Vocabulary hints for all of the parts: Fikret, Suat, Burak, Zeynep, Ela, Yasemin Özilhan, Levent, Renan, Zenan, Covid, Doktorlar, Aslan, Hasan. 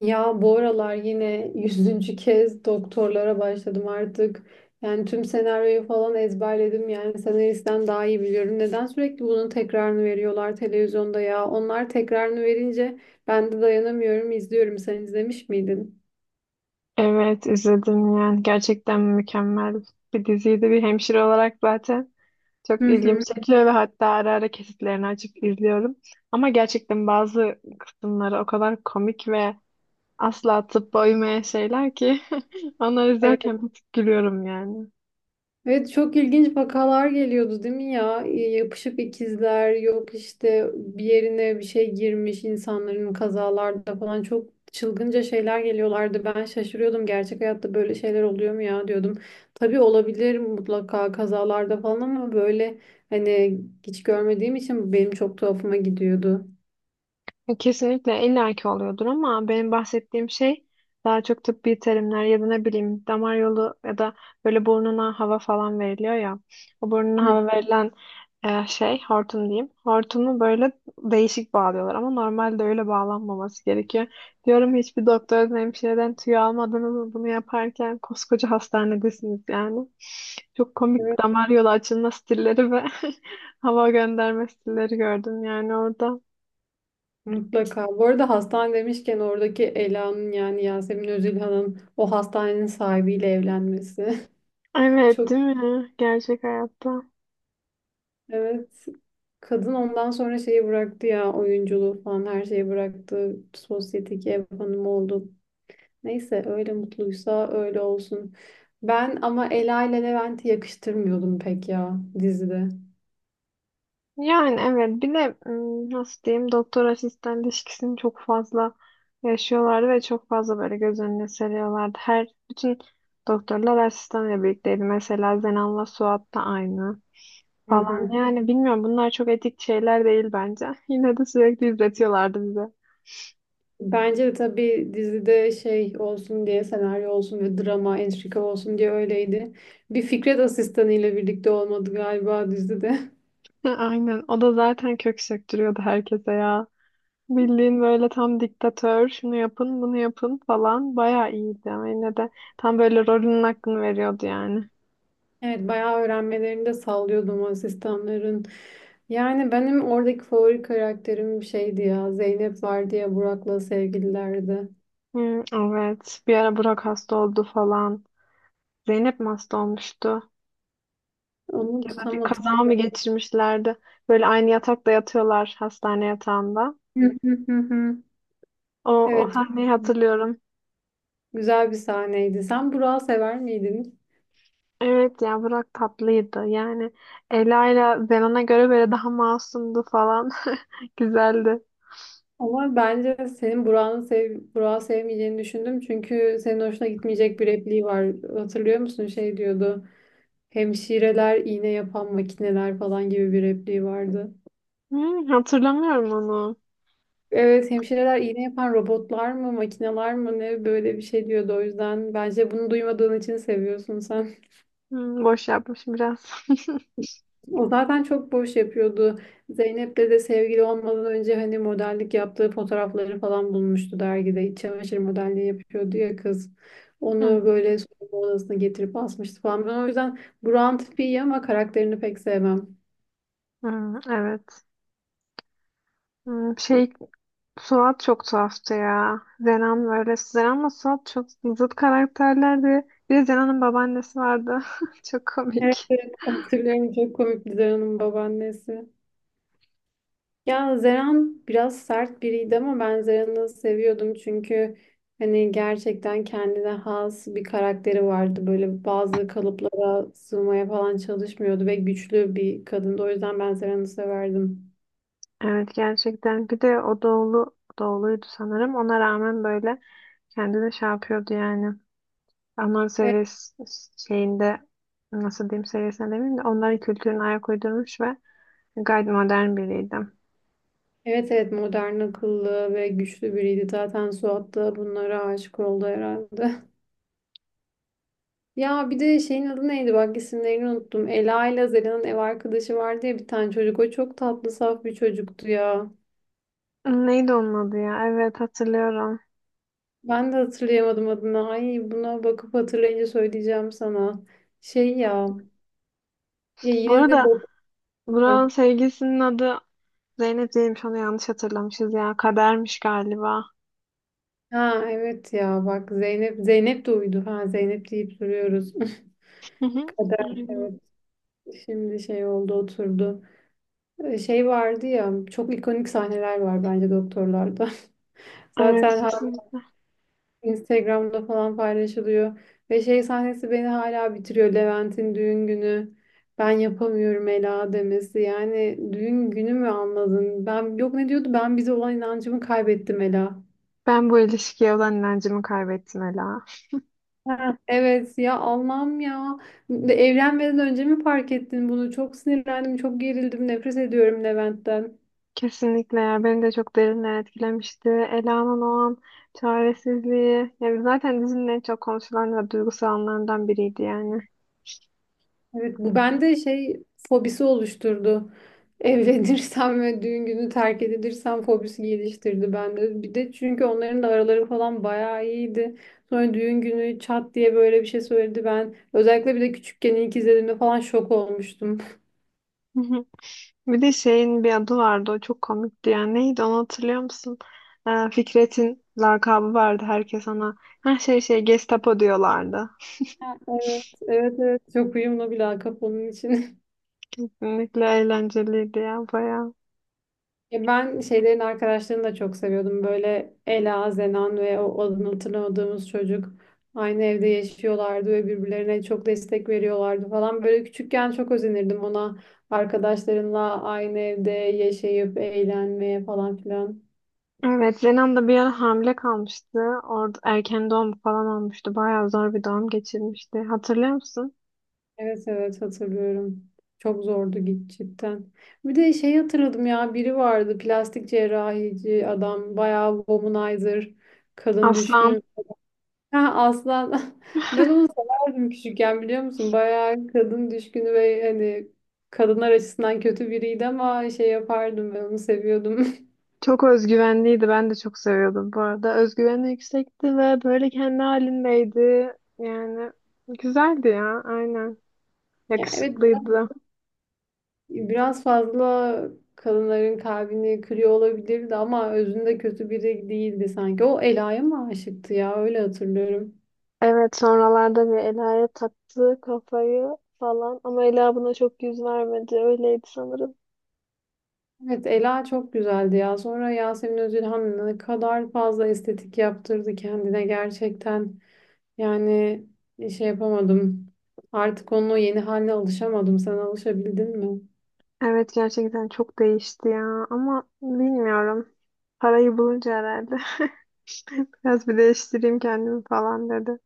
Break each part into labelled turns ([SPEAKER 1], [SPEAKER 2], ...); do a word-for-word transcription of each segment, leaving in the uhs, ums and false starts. [SPEAKER 1] Ya bu aralar yine yüzüncü kez doktorlara başladım artık. Yani tüm senaryoyu falan ezberledim. Yani senaristten daha iyi biliyorum. Neden sürekli bunun tekrarını veriyorlar televizyonda ya? Onlar tekrarını verince ben de dayanamıyorum, izliyorum. Sen izlemiş miydin?
[SPEAKER 2] Evet izledim, yani gerçekten mükemmel bir diziydi. Bir hemşire olarak zaten çok
[SPEAKER 1] Hı
[SPEAKER 2] ilgimi
[SPEAKER 1] hı.
[SPEAKER 2] çekiyor ve hatta ara ara kesitlerini açıp izliyorum, ama gerçekten bazı kısımları o kadar komik ve asla atıp uymayan şeyler ki onları
[SPEAKER 1] Evet.
[SPEAKER 2] izlerken bir tık gülüyorum yani.
[SPEAKER 1] Evet, çok ilginç vakalar geliyordu değil mi ya? E, Yapışık ikizler yok işte, bir yerine bir şey girmiş insanların, kazalarda falan çok çılgınca şeyler geliyorlardı. Ben şaşırıyordum, gerçek hayatta böyle şeyler oluyor mu ya diyordum. Tabii olabilir mutlaka kazalarda falan, ama böyle hani hiç görmediğim için benim çok tuhafıma gidiyordu.
[SPEAKER 2] Kesinlikle illaki oluyordur, ama benim bahsettiğim şey daha çok tıbbi terimler ya da ne bileyim damar yolu ya da böyle burnuna hava falan veriliyor ya. O burnuna
[SPEAKER 1] Hı,
[SPEAKER 2] hava verilen e, şey, hortum diyeyim. Hortumu böyle değişik bağlıyorlar ama normalde öyle bağlanmaması gerekiyor. Diyorum hiçbir doktordan hemşireden tüy almadınız mı bunu yaparken? Koskoca hastanedesiniz yani. Çok komik
[SPEAKER 1] evet.
[SPEAKER 2] damar yolu açılma stilleri ve hava gönderme stilleri gördüm yani orada.
[SPEAKER 1] Mutlaka. Bu arada hastane demişken, oradaki Ela'nın yani Yasemin Özilhan'ın o hastanenin sahibiyle evlenmesi.
[SPEAKER 2] Evet,
[SPEAKER 1] Çok.
[SPEAKER 2] değil mi? Gerçek hayatta.
[SPEAKER 1] Evet. Kadın ondan sonra şeyi bıraktı ya, oyunculuğu falan her şeyi bıraktı. Sosyeteki ev hanımı oldu. Neyse, öyle mutluysa öyle olsun. Ben ama Ela ile Levent'i yakıştırmıyordum pek ya dizide.
[SPEAKER 2] Yani evet, bir de ım, nasıl diyeyim, doktor asistan ilişkisini çok fazla yaşıyorlardı ve çok fazla böyle göz önüne seriyorlardı. Her bütün doktorlar asistanla birlikteydi. Mesela Zenan'la Suat da aynı
[SPEAKER 1] Hı
[SPEAKER 2] falan.
[SPEAKER 1] hı.
[SPEAKER 2] Yani bilmiyorum, bunlar çok etik şeyler değil bence. Yine de sürekli izletiyorlardı bize.
[SPEAKER 1] Bence de tabii, dizide şey olsun diye, senaryo olsun ve drama, entrika olsun diye öyleydi. Bir Fikret asistanıyla birlikte olmadı galiba dizide.
[SPEAKER 2] Aynen. O da zaten kök söktürüyordu herkese ya. Bildiğin böyle tam diktatör, şunu yapın, bunu yapın falan. Bayağı iyiydi ama yine de tam böyle rolünün hakkını veriyordu yani.
[SPEAKER 1] Evet, bayağı öğrenmelerini de sallıyordum asistanların. Yani benim oradaki favori karakterim bir şeydi ya. Zeynep vardı ya, Burak'la sevgililerdi.
[SPEAKER 2] Hı, evet. Bir ara Burak hasta oldu falan. Zeynep mi hasta olmuştu?
[SPEAKER 1] Onu
[SPEAKER 2] Ya da bir
[SPEAKER 1] tutamadım.
[SPEAKER 2] kaza mı geçirmişlerdi? Böyle aynı yatakta yatıyorlar, hastane yatağında. O, o
[SPEAKER 1] Evet,
[SPEAKER 2] sahneyi hatırlıyorum.
[SPEAKER 1] güzel bir sahneydi. Sen Burak'ı sever miydin?
[SPEAKER 2] Evet ya, Burak tatlıydı. Yani Ela ile Zenon'a göre böyle daha masumdu falan. Güzeldi.
[SPEAKER 1] Ama bence senin Burak'ı sev Burak'ı sevmeyeceğini düşündüm. Çünkü senin hoşuna gitmeyecek bir repliği var. Hatırlıyor musun? Şey diyordu. Hemşireler iğne yapan makineler falan gibi bir repliği vardı.
[SPEAKER 2] Hı, hatırlamıyorum onu.
[SPEAKER 1] Evet, hemşireler iğne yapan robotlar mı, makineler mı ne, böyle bir şey diyordu. O yüzden bence bunu duymadığın için seviyorsun sen.
[SPEAKER 2] Hmm, boş yapmışım biraz.
[SPEAKER 1] O zaten çok boş yapıyordu. Zeynep'le de sevgili olmadan önce hani modellik yaptığı fotoğrafları falan bulmuştu dergide. İç çamaşır modelliği yapıyordu ya kız. Onu
[SPEAKER 2] Hmm,
[SPEAKER 1] böyle soyunma odasına getirip asmıştı falan. Ben o yüzden Burak'ın tipi iyi ama karakterini pek sevmem.
[SPEAKER 2] hmm, evet. Hmm, şey, Suat çok tuhaftı ya. Zenan böyle. Zenan Suat çok zıt karakterlerdi. Bir de Zenan'ın babaannesi vardı. Çok
[SPEAKER 1] Evet,
[SPEAKER 2] komik.
[SPEAKER 1] evet hatırlıyorum, çok komik Dilan Hanım'ın babaannesi. Ya Zeren biraz sert biriydi ama ben Zeren'i seviyordum, çünkü hani gerçekten kendine has bir karakteri vardı. Böyle bazı kalıplara sığmaya falan çalışmıyordu ve güçlü bir kadındı. O yüzden ben Zeren'i severdim.
[SPEAKER 2] Evet gerçekten. Bir de o doğulu doğuluydu sanırım. Ona rağmen böyle kendini şey yapıyordu yani. Alman
[SPEAKER 1] Evet,
[SPEAKER 2] seviyesi şeyinde, nasıl diyeyim, seviyesine demeyeyim de onların kültürüne ayak uydurmuş ve gayet modern biriydim.
[SPEAKER 1] evet evet, modern, akıllı ve güçlü biriydi. Zaten Suat da bunlara aşık oldu herhalde. Ya bir de şeyin adı neydi, bak isimlerini unuttum. Ela ile Zeren'in ev arkadaşı vardı ya, bir tane çocuk. O çok tatlı, saf bir çocuktu ya.
[SPEAKER 2] Neydi onun adı ya? Evet, hatırlıyorum.
[SPEAKER 1] Ben de hatırlayamadım adını. Ay, buna bakıp hatırlayınca söyleyeceğim sana. Şey ya. Ya
[SPEAKER 2] Bu
[SPEAKER 1] yine de
[SPEAKER 2] arada
[SPEAKER 1] bak. Ha,
[SPEAKER 2] Burak'ın sevgilisinin adı Zeynep değilmiş. Onu yanlış hatırlamışız ya. Kadermiş galiba.
[SPEAKER 1] ha, evet ya bak, Zeynep Zeynep de uydu. Ha, Zeynep deyip duruyoruz.
[SPEAKER 2] Hı hı.
[SPEAKER 1] Kader,
[SPEAKER 2] Aynen.
[SPEAKER 1] evet. Şimdi şey oldu oturdu. Ee, Şey vardı ya, çok ikonik sahneler var bence doktorlarda.
[SPEAKER 2] Evet,
[SPEAKER 1] Zaten
[SPEAKER 2] kesinlikle.
[SPEAKER 1] Instagram'da falan paylaşılıyor. Ve şey sahnesi beni hala bitiriyor. Levent'in düğün günü. Ben yapamıyorum Ela demesi. Yani düğün günü mü, anladın? Ben yok, ne diyordu? Ben bize olan inancımı kaybettim Ela.
[SPEAKER 2] Ben bu ilişkiye olan inancımı kaybettim Ela.
[SPEAKER 1] Ha, evet ya, Allah'ım ya. De- Evlenmeden önce mi fark ettin bunu? Çok sinirlendim, çok gerildim, nefret ediyorum Levent'ten.
[SPEAKER 2] Kesinlikle ya, beni de çok derinden etkilemişti. Ela'nın o an çaresizliği yani zaten dizinin en çok konuşulan ve duygusal anlarından biriydi yani.
[SPEAKER 1] Evet, bu bende şey fobisi oluşturdu. Evlenirsem ve düğün günü terk edilirsem fobisi geliştirdi bende. Bir de çünkü onların da araları falan bayağı iyiydi. Sonra düğün günü çat diye böyle bir şey söyledi. Ben özellikle bir de küçükken ilk izlediğimde falan şok olmuştum.
[SPEAKER 2] Hı hı. Bir de şeyin bir adı vardı, o çok komikti yani, neydi, onu hatırlıyor musun? Ee, Fikret'in lakabı vardı, herkes ona her şey şey Gestapo diyorlardı.
[SPEAKER 1] Ha, evet, evet, evet. Çok uyumlu bir lakap onun için.
[SPEAKER 2] Kesinlikle eğlenceliydi ya, bayağı.
[SPEAKER 1] Ya ben şeylerin arkadaşlarını da çok seviyordum. Böyle Ela, Zenan ve o adını hatırlamadığımız çocuk aynı evde yaşıyorlardı ve birbirlerine çok destek veriyorlardı falan. Böyle küçükken çok özenirdim ona, arkadaşlarınla aynı evde yaşayıp eğlenmeye falan filan.
[SPEAKER 2] Evet, Renan da bir ara hamile kalmıştı. Orada erken doğum falan olmuştu. Bayağı zor bir doğum geçirmişti. Hatırlıyor musun?
[SPEAKER 1] Evet evet hatırlıyorum. Çok zordu git cidden. Bir de şey hatırladım ya, biri vardı plastik cerrahici adam, bayağı womanizer, kadın
[SPEAKER 2] Aslan
[SPEAKER 1] düşkünü. Ha, aslan. Ben onu severdim küçükken, biliyor musun? Bayağı kadın düşkünü ve hani kadınlar açısından kötü biriydi ama şey yapardım, ben onu seviyordum.
[SPEAKER 2] çok özgüvenliydi. Ben de çok seviyordum bu arada. Özgüveni yüksekti ve böyle kendi halindeydi. Yani güzeldi ya, aynen.
[SPEAKER 1] Yani evet,
[SPEAKER 2] Yakışıklıydı.
[SPEAKER 1] biraz fazla kadınların kalbini kırıyor olabilirdi ama özünde kötü biri değildi sanki. O Ela'ya mı aşıktı ya, öyle hatırlıyorum.
[SPEAKER 2] Evet, sonralarda bir Ela'ya taktı kafayı falan, ama Ela buna çok yüz vermedi. Öyleydi sanırım.
[SPEAKER 1] Evet, Ela çok güzeldi ya. Sonra Yasemin Özülhan ne kadar fazla estetik yaptırdı kendine gerçekten. Yani e, şey yapamadım. Artık onun o yeni haline alışamadım. Sen alışabildin mi?
[SPEAKER 2] Evet, gerçekten çok değişti ya, ama bilmiyorum. Parayı bulunca herhalde biraz bir değiştireyim kendimi falan dedi.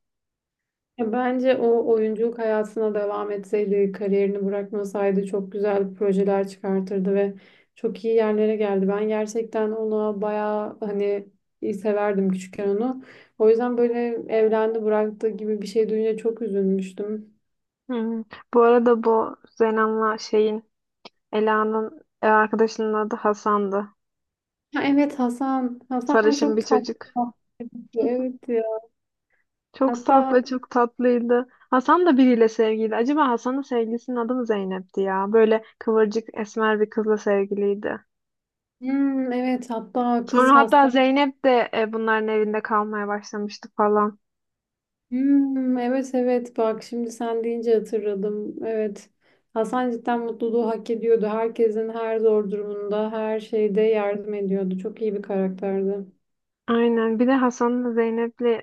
[SPEAKER 1] Ya bence o oyunculuk hayatına devam etseydi, kariyerini bırakmasaydı çok güzel projeler çıkartırdı ve çok iyi yerlere geldi. Ben gerçekten ona bayağı hani iyi severdim küçükken onu. O yüzden böyle evlendi bıraktı gibi bir şey duyunca çok üzülmüştüm.
[SPEAKER 2] Hmm. Bu arada bu Zenan'la şeyin, Ela'nın ev arkadaşının adı Hasan'dı.
[SPEAKER 1] Ha, evet, Hasan. Hasan
[SPEAKER 2] Sarışın
[SPEAKER 1] çok
[SPEAKER 2] bir
[SPEAKER 1] tatlı.
[SPEAKER 2] çocuk.
[SPEAKER 1] Evet ya.
[SPEAKER 2] Çok
[SPEAKER 1] Hatta
[SPEAKER 2] saf ve çok tatlıydı. Hasan da biriyle sevgiliydi. Acaba Hasan'ın sevgilisinin adı mı Zeynep'ti ya? Böyle kıvırcık esmer bir kızla sevgiliydi.
[SPEAKER 1] hmm, evet hatta
[SPEAKER 2] Sonra
[SPEAKER 1] kız
[SPEAKER 2] hatta
[SPEAKER 1] hasta.
[SPEAKER 2] Zeynep de e, bunların evinde kalmaya başlamıştı falan.
[SPEAKER 1] Hmm, evet evet bak, şimdi sen deyince hatırladım. Evet. Hasan cidden mutluluğu hak ediyordu. Herkesin her zor durumunda, her şeyde yardım ediyordu. Çok iyi bir karakterdi.
[SPEAKER 2] Aynen. Bir de Hasan'la Zeynep'le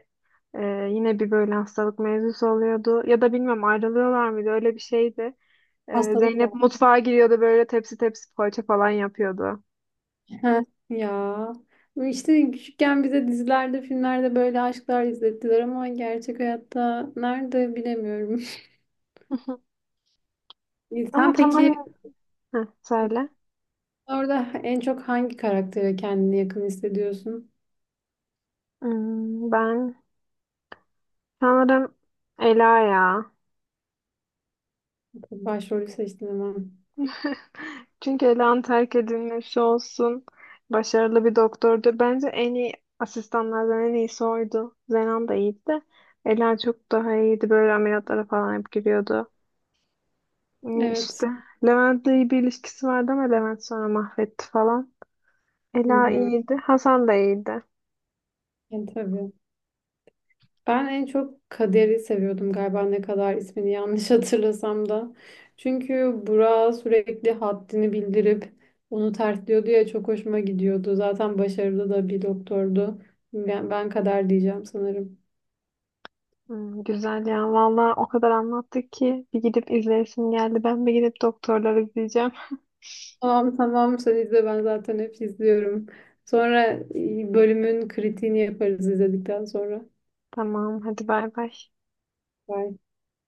[SPEAKER 2] e, yine bir böyle hastalık mevzusu oluyordu. Ya da bilmem ayrılıyorlar mıydı? Öyle bir şeydi. E,
[SPEAKER 1] Hastalık var.
[SPEAKER 2] Zeynep mutfağa giriyordu böyle, tepsi tepsi poğaça falan yapıyordu.
[SPEAKER 1] Heh, ya. İşte küçükken bize dizilerde, filmlerde böyle aşklar izlettiler ama gerçek hayatta nerede, bilemiyorum.
[SPEAKER 2] Ama
[SPEAKER 1] Sen peki
[SPEAKER 2] tamamen... Heh, söyle.
[SPEAKER 1] orada en çok hangi karaktere kendini yakın hissediyorsun?
[SPEAKER 2] Hmm, ben sanırım Ela ya.
[SPEAKER 1] Başrolü seçtin ama.
[SPEAKER 2] Çünkü Ela'nın terk edilmesi olsun. Başarılı bir doktordu. Bence en iyi asistanlardan en iyisi oydu. Zenan da iyiydi de. Ela çok daha iyiydi. Böyle ameliyatlara falan hep giriyordu. Hmm,
[SPEAKER 1] Evet.
[SPEAKER 2] İşte Levent'le iyi bir ilişkisi vardı ama Levent sonra mahvetti falan.
[SPEAKER 1] Hı
[SPEAKER 2] Ela
[SPEAKER 1] hı.
[SPEAKER 2] iyiydi. Hasan da iyiydi.
[SPEAKER 1] Yani tabii. Ben en çok Kader'i seviyordum galiba, ne kadar ismini yanlış hatırlasam da. Çünkü Burak'a sürekli haddini bildirip onu tersliyordu ya, çok hoşuma gidiyordu. Zaten başarılı da bir doktordu. Ben, ben Kader diyeceğim sanırım.
[SPEAKER 2] Hmm, güzel ya. Valla o kadar anlattık ki bir gidip izleyesim geldi. Ben bir gidip doktorları izleyeceğim.
[SPEAKER 1] Tamam tamam, sen izle, ben zaten hep izliyorum. Sonra e, bölümün kritiğini yaparız izledikten sonra.
[SPEAKER 2] Tamam, hadi bay bay.
[SPEAKER 1] Bye.